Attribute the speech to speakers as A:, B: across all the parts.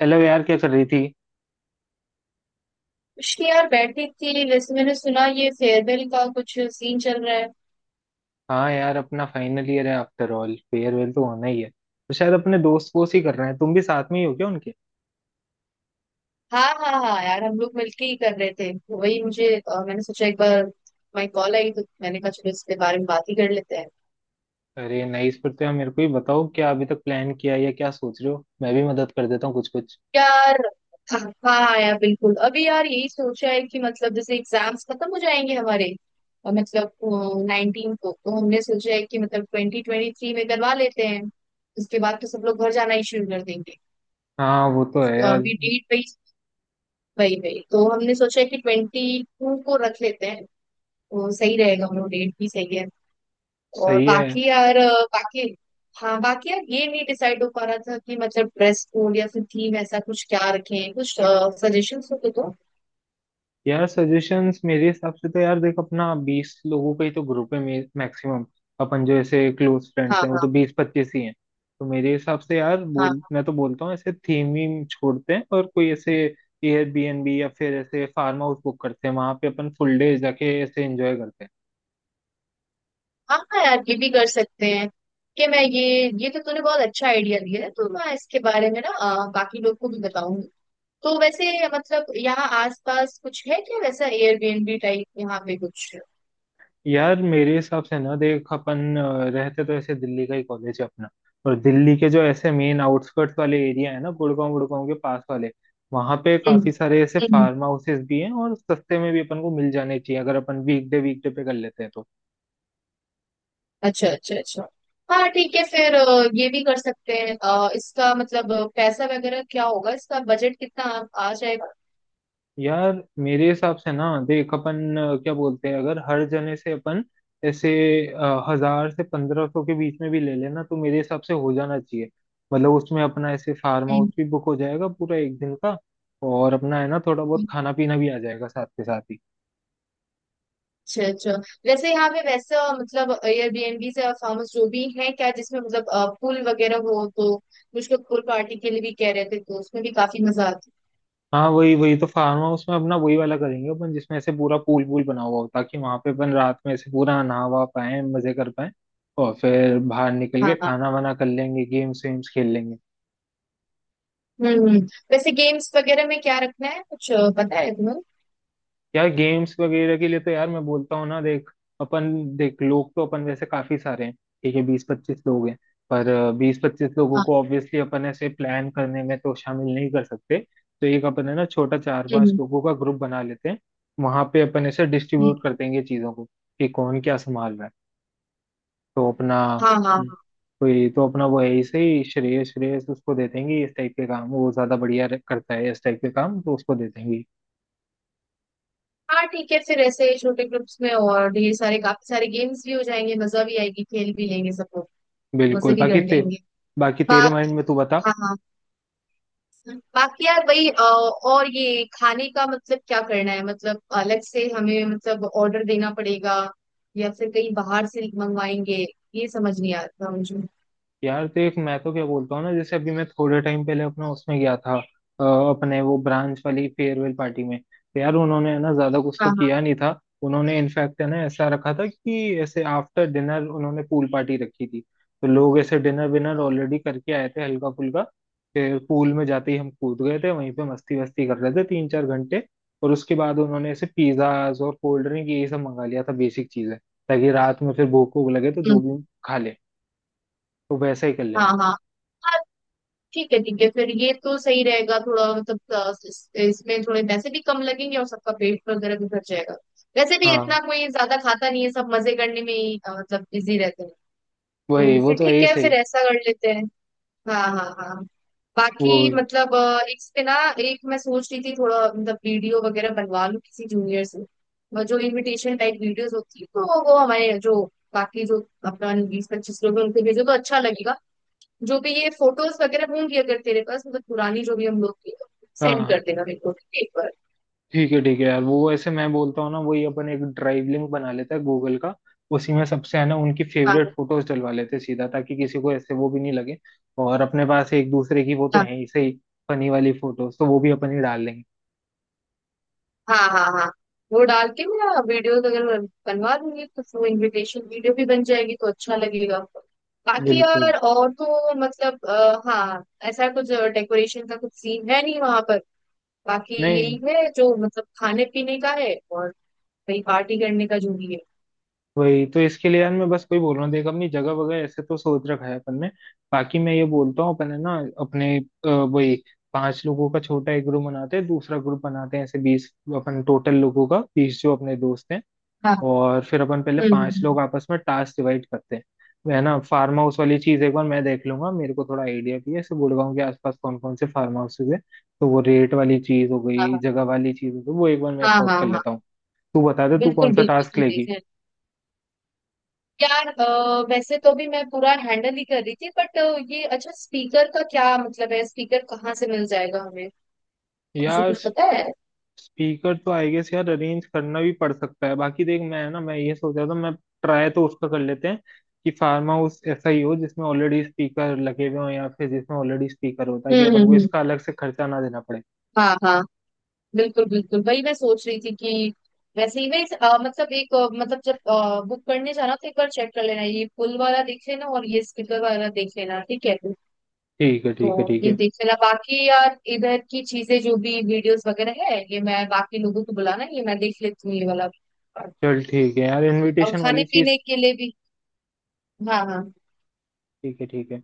A: Hello यार, क्या कर रही थी?
B: उसकी यार बैठी थी, वैसे मैंने सुना ये फेयरवेल का कुछ सीन चल रहा है।
A: हाँ यार, अपना फाइनल ईयर है, आफ्टर ऑल फेयरवेल तो होना ही है। तो शायद अपने दोस्त वोस्त ही कर रहे हैं। तुम भी साथ में ही हो क्या उनके?
B: हाँ हाँ हाँ यार, हम लोग मिलके ही कर रहे थे तो वही मुझे मैंने सोचा एक बार माई कॉल आई तो मैंने कहा चलो इसके बारे में बात ही कर लेते हैं।
A: अरे नहीं, इस पर तो यार मेरे को ही बताओ, क्या अभी तक प्लान किया है या क्या सोच रहे हो? मैं भी मदद कर देता हूँ कुछ कुछ।
B: यार हाँ हाँ यार बिल्कुल, अभी यार यही सोचा है कि मतलब जैसे एग्जाम्स खत्म हो जाएंगे हमारे मतलब 19 को, तो हमने सोचा है कि मतलब 2023 में करवा लेते हैं। उसके बाद तो सब लोग घर जाना ही शुरू कर देंगे।
A: हाँ वो तो है
B: तो
A: यार।
B: अभी डेट वही वही वही तो हमने सोचा है कि 22 को रख लेते हैं तो सही रहेगा, वो डेट भी सही है। और
A: सही है।
B: बाकी यार बाकी हाँ, बाकी यार ये नहीं डिसाइड हो पा रहा था कि मतलब ड्रेस कोड या फिर थीम ऐसा कुछ क्या रखें, कुछ सजेशंस हो तो दो।
A: यार सजेशंस मेरे हिसाब से तो यार देख, अपना 20 लोगों का ही तो ग्रुप है मैक्सिमम। अपन जो ऐसे क्लोज फ्रेंड्स
B: हाँ
A: हैं वो
B: हाँ
A: तो 20-25 ही हैं। तो मेरे हिसाब से यार बोल,
B: हाँ
A: मैं तो बोलता हूँ ऐसे थीम वीम छोड़ते हैं और कोई ऐसे एयरबीएनबी या फिर ऐसे फार्म हाउस बुक करते हैं, वहां पे अपन फुल डे जाके ऐसे एंजॉय करते हैं।
B: हाँ हाँ यार ये भी कर सकते हैं। कि मैं ये तो तूने बहुत अच्छा आइडिया दिया है, तो मैं इसके बारे में ना बाकी लोग को भी बताऊंगी। तो वैसे मतलब यहाँ आसपास कुछ है क्या वैसा एयरबीएनबी टाइप यहाँ पे कुछ?
A: यार मेरे हिसाब से ना देख, अपन रहते तो ऐसे दिल्ली का ही कॉलेज है अपना। और दिल्ली के जो ऐसे मेन आउटस्कर्ट्स वाले एरिया है ना, गुड़गांव, गुड़गांव के पास वाले, वहां पे
B: हम्म।
A: काफी सारे ऐसे फार्म हाउसेस भी हैं, और सस्ते में भी अपन को मिल जाने चाहिए अगर अपन वीकडे वीकडे पे कर लेते हैं तो।
B: अच्छा अच्छा अच्छा। हाँ ठीक है फिर ये भी कर सकते हैं। इसका मतलब पैसा वगैरह क्या होगा, इसका बजट कितना आ आ जाएगा?
A: यार मेरे हिसाब से ना देख, अपन क्या बोलते हैं, अगर हर जने से अपन ऐसे 1,000 से 1,500 के बीच में भी ले लेना तो मेरे हिसाब से हो जाना चाहिए। मतलब उसमें अपना ऐसे फार्म
B: हम्म,
A: हाउस भी बुक हो जाएगा पूरा एक दिन का। और अपना है ना थोड़ा बहुत
B: हम्म।
A: खाना पीना भी आ जाएगा साथ के साथ ही।
B: अच्छा अच्छा। वैसे यहाँ पे वैसा मतलब एयरबीएनबी से फार्म हाउस जो भी है क्या जिसमें मतलब पूल वगैरह हो, तो कुछ लोग पूल पार्टी के लिए भी कह रहे थे तो उसमें भी काफी मजा आता
A: हाँ वही, वही तो फार्म हाउस में अपना वही वाला करेंगे अपन जिसमें ऐसे पूरा पूल पूल बना हुआ हो, ताकि वहां पे अपन रात में ऐसे पूरा नहावा पाए मजे कर पाए। और फिर बाहर निकल
B: है।
A: के
B: हाँ हाँ।
A: खाना वाना कर लेंगे, गेम्स वेम्स खेल लेंगे।
B: हम्म हम्म। वैसे गेम्स वगैरह में क्या रखना है कुछ पता है तुम्हें?
A: यार गेम्स वगैरह के लिए तो यार मैं बोलता हूँ ना देख, अपन देख लोग तो अपन वैसे काफी सारे हैं, ठीक है 20-25 लोग हैं, पर 20-25 लोगों
B: हाँ।
A: को ऑब्वियसली अपन ऐसे प्लान करने में तो शामिल नहीं कर सकते। तो एक अपन है ना छोटा चार पांच
B: हम्म,
A: लोगों का ग्रुप बना लेते हैं, वहां पे अपन ऐसे
B: हम्म।
A: डिस्ट्रीब्यूट कर देंगे चीजों को कि कौन क्या संभाल रहा है। तो अपना,
B: हाँ हाँ
A: हम्म, कोई तो अपना वो है ऐसे ही, श्रेयस, श्रेयस उसको दे देंगे, इस टाइप के काम वो ज्यादा बढ़िया करता है, इस टाइप के काम तो उसको दे देंगे।
B: हाँ ठीक है, फिर ऐसे छोटे ग्रुप्स में और ये सारे काफी सारे गेम्स भी हो जाएंगे, मजा भी आएगी, खेल भी लेंगे सब लोग, मजे
A: बिल्कुल।
B: भी कर लेंगे।
A: बाकी
B: बा
A: तेरे माइंड में तू बता।
B: हाँ हाँ। बाकी यार वही और ये खाने का मतलब क्या करना है? मतलब अलग से हमें मतलब ऑर्डर देना पड़ेगा या फिर कहीं बाहर से मंगवाएंगे? ये समझ नहीं आ रहा मुझे।
A: यार देख मैं तो क्या बोलता हूँ ना, जैसे अभी मैं थोड़े टाइम पहले अपना उसमें गया था अपने वो ब्रांच वाली फेयरवेल पार्टी में, तो यार उन्होंने है ना ज्यादा कुछ
B: हाँ
A: तो
B: हाँ।
A: किया नहीं था, उन्होंने इनफैक्ट है ना ऐसा रखा था कि ऐसे आफ्टर डिनर उन्होंने पूल पार्टी रखी थी। तो लोग ऐसे डिनर विनर ऑलरेडी करके आए थे हल्का फुल्का। फिर पूल में जाते ही हम कूद गए थे, वहीं पे मस्ती वस्ती कर रहे थे 3-4 घंटे। और उसके बाद उन्होंने ऐसे पिज्जाज और कोल्ड ड्रिंक ये सब मंगा लिया था बेसिक चीजें, ताकि रात में फिर भूख भूख लगे तो जो
B: हम्म,
A: भी खा ले। तो वैसा ही कर
B: हाँ
A: लेंगे।
B: हाँ ठीक है ठीक है, फिर ये तो सही रहेगा, थोड़ा मतलब इसमें थोड़े पैसे भी कम लगेंगे और सबका पेट वगैरह भी भर जाएगा। वैसे भी इतना
A: हाँ
B: कोई ज्यादा खाता नहीं है, सब मजे करने में ही मतलब बिजी रहते हैं।
A: वही,
B: तो
A: वो
B: फिर
A: तो ऐसे
B: ठीक
A: ही
B: है, फिर
A: सही।
B: ऐसा कर लेते हैं। हाँ हाँ हाँ।
A: वो,
B: बाकी मतलब एक पे ना एक मैं सोच रही थी, थोड़ा मतलब वीडियो वगैरह बनवा लूँ किसी जूनियर से, और जो इनविटेशन टाइप वीडियोस होती है तो वो हमारे जो बाकी जो अपना 20-25 लोग हैं उनको भेजो तो अच्छा लगेगा। जो भी ये फोटोज वगैरह होंगी, अगर तेरे पास मतलब पुरानी जो भी हम लोग की, सेंड कर
A: हाँ
B: देना मेरे को, ठीक है एक बार।
A: ठीक है, ठीक है यार, वो ऐसे मैं बोलता हूँ ना, वही अपन एक ड्राइव लिंक बना लेता है गूगल का। उसी में सबसे है ना उनकी
B: हाँ
A: फेवरेट फोटोज डलवा लेते हैं सीधा, ताकि किसी को ऐसे वो भी नहीं लगे। और अपने पास एक दूसरे की वो तो
B: हाँ
A: है ही सही, फनी वाली फोटोज तो वो भी अपन ही डाल लेंगे।
B: हाँ हाँ हाँ। वो डाल के मैं वीडियोस अगर मैं बनवा दूंगी तो वो इनविटेशन वीडियो भी बन जाएगी तो अच्छा लगेगा। बाकी यार
A: बिल्कुल।
B: और तो मतलब हाँ, ऐसा कुछ डेकोरेशन का कुछ सीन है नहीं वहां पर? बाकी
A: नहीं,
B: यही है जो मतलब खाने पीने का है और वही पार्टी करने का जो भी है।
A: वही तो इसके लिए यार मैं बस कोई बोल रहा हूँ देख, अपनी जगह वगैरह ऐसे तो सोच रखा है अपन ने। बाकी मैं ये बोलता हूँ अपन है ना अपने वही पांच लोगों का छोटा एक ग्रुप बनाते हैं, दूसरा ग्रुप बनाते हैं ऐसे, बीस अपन टोटल लोगों का, बीस जो अपने दोस्त हैं।
B: हाँ।
A: और फिर अपन पहले
B: हम्म हम्म,
A: पांच
B: हम्म,
A: लोग आपस में टास्क डिवाइड करते हैं। है ना फार्म हाउस वाली चीज एक बार मैं देख लूंगा, मेरे को थोड़ा आइडिया भी है ऐसे गुड़गांव के आसपास कौन कौन से फार्म हाउसेज है। तो वो रेट वाली चीज हो गई,
B: हाँ
A: जगह वाली चीज हो गई, वो एक बार मैं
B: हाँ
A: सॉर्ट
B: हाँ हाँ
A: कर लेता
B: हाँ,
A: हूँ। तू बता दे तू
B: बिल्कुल
A: कौन सा
B: बिल्कुल
A: टास्क
B: ठीक
A: लेगी।
B: है। यार वैसे तो भी मैं पूरा हैंडल ही कर रही थी, बट ये अच्छा, स्पीकर का क्या मतलब है? स्पीकर कहाँ से मिल जाएगा हमें, कुछ
A: यार
B: कुछ पता है?
A: स्पीकर तो आई गेस यार अरेंज करना भी पड़ सकता है। बाकी देख, मैं ये सोच रहा था, मैं ट्राई तो उसका कर लेते हैं कि फार्म हाउस ऐसा ही हो जिसमें ऑलरेडी स्पीकर लगे हुए हो, या फिर जिसमें ऑलरेडी स्पीकर होता है, कि
B: हम्म हम्म
A: अपन को
B: हम्म।
A: इसका अलग से खर्चा ना देना पड़े।
B: हाँ हाँ बिल्कुल बिल्कुल, वही मैं सोच रही थी कि वैसे ही मैं मतलब एक मतलब जब बुक करने जाना तो एक बार चेक कर लेना ये पुल वाला देख लेना और ये स्पीकर वाला देख लेना, ठीक है?
A: ठीक है
B: तो
A: ठीक है ठीक
B: ये
A: है।
B: देख लेना। बाकी यार इधर की चीजें जो भी वीडियोस वगैरह है ये मैं, बाकी लोगों को बुलाना ये मैं देख लेती हूँ, ये वाला
A: चल ठीक है यार
B: और
A: इनविटेशन
B: खाने
A: वाली चीज।
B: पीने के लिए भी। हाँ हाँ
A: ठीक है ठीक है।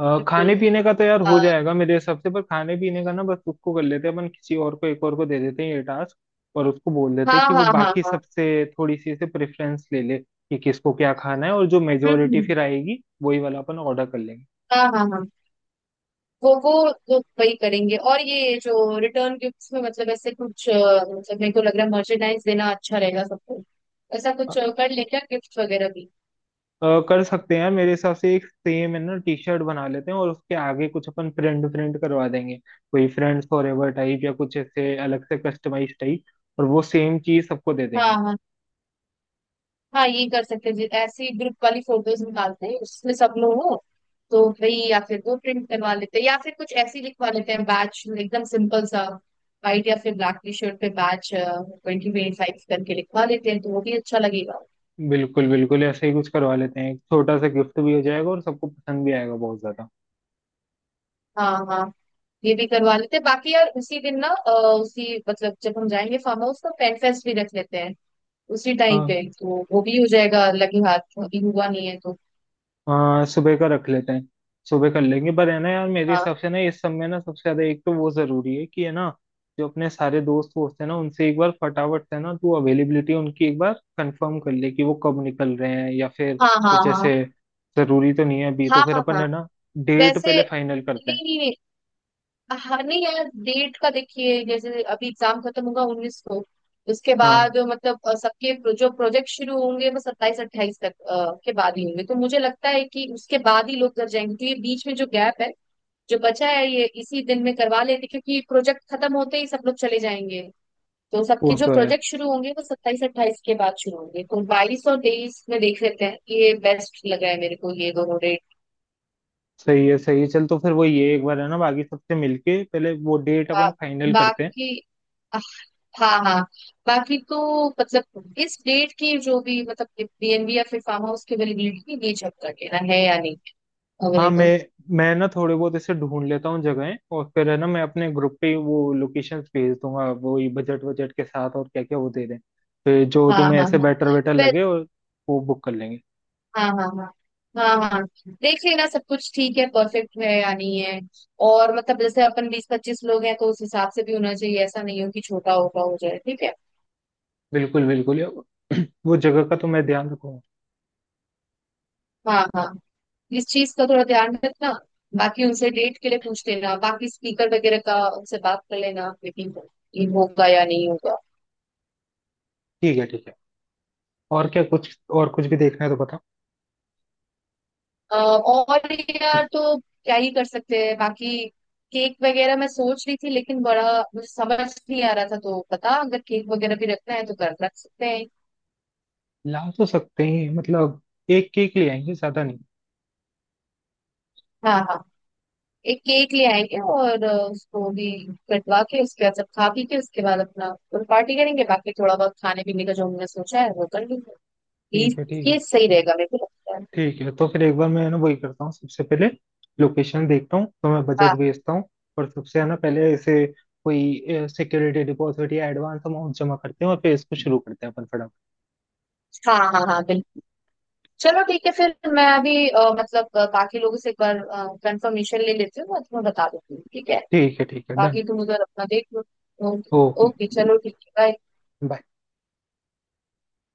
B: बिल्कुल।
A: खाने पीने का तो यार हो
B: हाँ
A: जाएगा मेरे हिसाब से, पर खाने पीने का ना बस उसको कर लेते हैं, अपन किसी और को, एक और को दे देते हैं ये टास्क। और उसको बोल देते
B: हाँ
A: हैं कि वो
B: हाँ हाँ
A: बाकी
B: हाँ।
A: सबसे थोड़ी सी से प्रेफरेंस ले ले कि किसको क्या खाना है, और जो
B: हम्म
A: मेजोरिटी
B: हम्म,
A: फिर आएगी वही वाला अपन ऑर्डर कर लेंगे।
B: हाँ हाँ हाँ। वो वो वो वही करेंगे। और ये जो रिटर्न गिफ्ट्स में मतलब ऐसे कुछ मतलब मेरे को लग रहा है मर्चेंडाइज देना अच्छा रहेगा सबको, ऐसा
A: अ,
B: कुछ कर लें क्या गिफ्ट वगैरह भी?
A: कर सकते हैं यार, मेरे हिसाब से एक सेम है ना टी शर्ट बना लेते हैं, और उसके आगे कुछ अपन प्रिंट प्रिंट करवा देंगे, कोई फ्रेंड्स फॉर एवर टाइप या कुछ ऐसे अलग से कस्टमाइज टाइप, और वो सेम चीज सबको दे
B: हाँ
A: देंगे।
B: हाँ हाँ ये कर सकते हैं। ऐसी ग्रुप वाली फोटोज निकालते हैं उसमें सब लोग हो तो भाई, या फिर वो प्रिंट करवा लेते हैं या फिर कुछ ऐसी लिखवा लेते हैं बैच एकदम सिंपल सा, व्हाइट या फिर ब्लैक टी शर्ट पे बैच 2025 करके लिखवा लेते हैं तो वो भी अच्छा लगेगा।
A: बिल्कुल बिल्कुल, ऐसे ही कुछ करवा लेते हैं, एक छोटा सा गिफ्ट भी हो जाएगा और सबको पसंद भी आएगा बहुत ज्यादा।
B: हाँ हाँ। ये भी करवा लेते हैं। बाकी यार उसी दिन ना उसी, मतलब जब हम जाएंगे फार्म हाउस तो पेन फेस्ट भी रख लेते हैं उसी टाइम
A: हाँ
B: पे, तो वो भी हो जाएगा लगे हाथ, अभी हुआ नहीं है तो।
A: हाँ, सुबह का रख लेते हैं, सुबह कर लेंगे। पर है ना यार मेरे
B: हाँ
A: हिसाब से ना इस सब में ना सबसे ज्यादा एक तो वो जरूरी है कि है ना, जो अपने सारे दोस्त वोस्त है ना उनसे एक बार फटाफट से ना तू अवेलेबिलिटी उनकी एक बार कंफर्म कर ले, कि वो कब निकल रहे हैं या फिर
B: हाँ हाँ
A: कुछ
B: हाँ
A: ऐसे जरूरी तो नहीं है अभी,
B: हाँ
A: तो फिर
B: हाँ
A: अपन
B: हाँ।
A: है ना डेट
B: वैसे,
A: पहले फाइनल करते हैं।
B: नहीं नहीं नहीं, हाँ नहीं यार डेट का देखिए, जैसे अभी एग्जाम खत्म होगा 19 को, उसके
A: हाँ
B: बाद मतलब सबके जो प्रोजेक्ट शुरू होंगे वो 27-28 तक के बाद ही होंगे, तो मुझे लगता है कि उसके बाद ही लोग कर जाएंगे, क्योंकि बीच में जो गैप है जो बचा है ये इसी दिन में करवा लेते, क्योंकि प्रोजेक्ट खत्म होते ही सब लोग चले जाएंगे। तो
A: वो
B: सबके जो
A: तो है,
B: प्रोजेक्ट शुरू होंगे वो सत्ताईस अट्ठाईस के बाद शुरू होंगे, तो 22 और 23 में देख लेते हैं, ये बेस्ट लगा है मेरे को ये दोनों डेट।
A: सही है सही है। चल तो फिर वो, ये एक बार है ना बाकी सबसे मिलके पहले वो डेट अपन फाइनल करते हैं।
B: बाकी हाँ हाँ। बाकी तो मतलब इस डेट की जो भी मतलब बीएनबी या फिर फार्म हाउस की अवेलेबिलिटी ये चेक कर लेना है या नहीं
A: हाँ, मैं
B: अवेलेबल।
A: मैं ना थोड़े बहुत ऐसे ढूंढ लेता हूँ जगहें, और फिर है ना मैं अपने ग्रुप पे वो लोकेशंस भेज दूंगा, वो ये बजट बजट के साथ और क्या क्या वो दे दें, फिर जो
B: हाँ
A: तुम्हें
B: हाँ
A: ऐसे
B: हाँ।
A: बेटर वेटर
B: फिर
A: लगे और वो बुक कर लेंगे।
B: हाँ हाँ हाँ हाँ हाँ, देख लेना सब कुछ ठीक है परफेक्ट है या नहीं है, और मतलब जैसे अपन 20-25 लोग हैं तो उस हिसाब से भी होना चाहिए, ऐसा नहीं हो कि छोटा होगा हो जाए, ठीक है?
A: बिल्कुल बिल्कुल वो जगह का तो मैं ध्यान रखूंगा।
B: हाँ हाँ। इस चीज का थोड़ा ध्यान रखना, बाकी उनसे डेट के लिए पूछ लेना, बाकी स्पीकर वगैरह का उनसे बात कर लेना मीटिंग ये होगा या नहीं होगा।
A: ठीक है ठीक है। और क्या कुछ, और कुछ भी देखना है तो बताओ।
B: और यार तो क्या ही कर सकते हैं बाकी, केक वगैरह मैं सोच रही थी लेकिन बड़ा मुझे समझ नहीं आ रहा था, तो बता, अगर केक वगैरह भी रखना है तो कर रख सकते हैं।
A: ला तो सकते हैं मतलब, एक केक ले आएंगे ज्यादा नहीं।
B: हाँ हाँ। एक केक ले आएंगे और उसको भी कटवा के, उसके बाद सब खा पी के उसके बाद अपना पार्टी करेंगे, बाकी थोड़ा बहुत खाने पीने का जो हमने सोचा है वो कर लेंगे। ये
A: ठीक है ठीक
B: ये
A: है।
B: सही रहेगा मेरे को लगता है।
A: ठीक है तो फिर एक बार मैं है ना वही करता हूँ, सबसे पहले लोकेशन देखता हूँ तो मैं बजट
B: हाँ
A: भेजता हूँ, और सबसे है ना पहले ऐसे कोई सिक्योरिटी डिपॉजिट या एडवांस अमाउंट जमा करते हैं और फिर इसको शुरू करते हैं अपन फटाफट।
B: हाँ हाँ हाँ बिल्कुल। चलो ठीक है, फिर मैं अभी मतलब बाकी लोगों से एक बार कंफर्मेशन ले लेती हूँ, मैं तुम्हें बता देती हूँ, ठीक है।
A: ठीक है डन।
B: बाकी तुम उधर अपना देख लो। ओके।
A: ओके।
B: ओके, चलो ठीक है bye।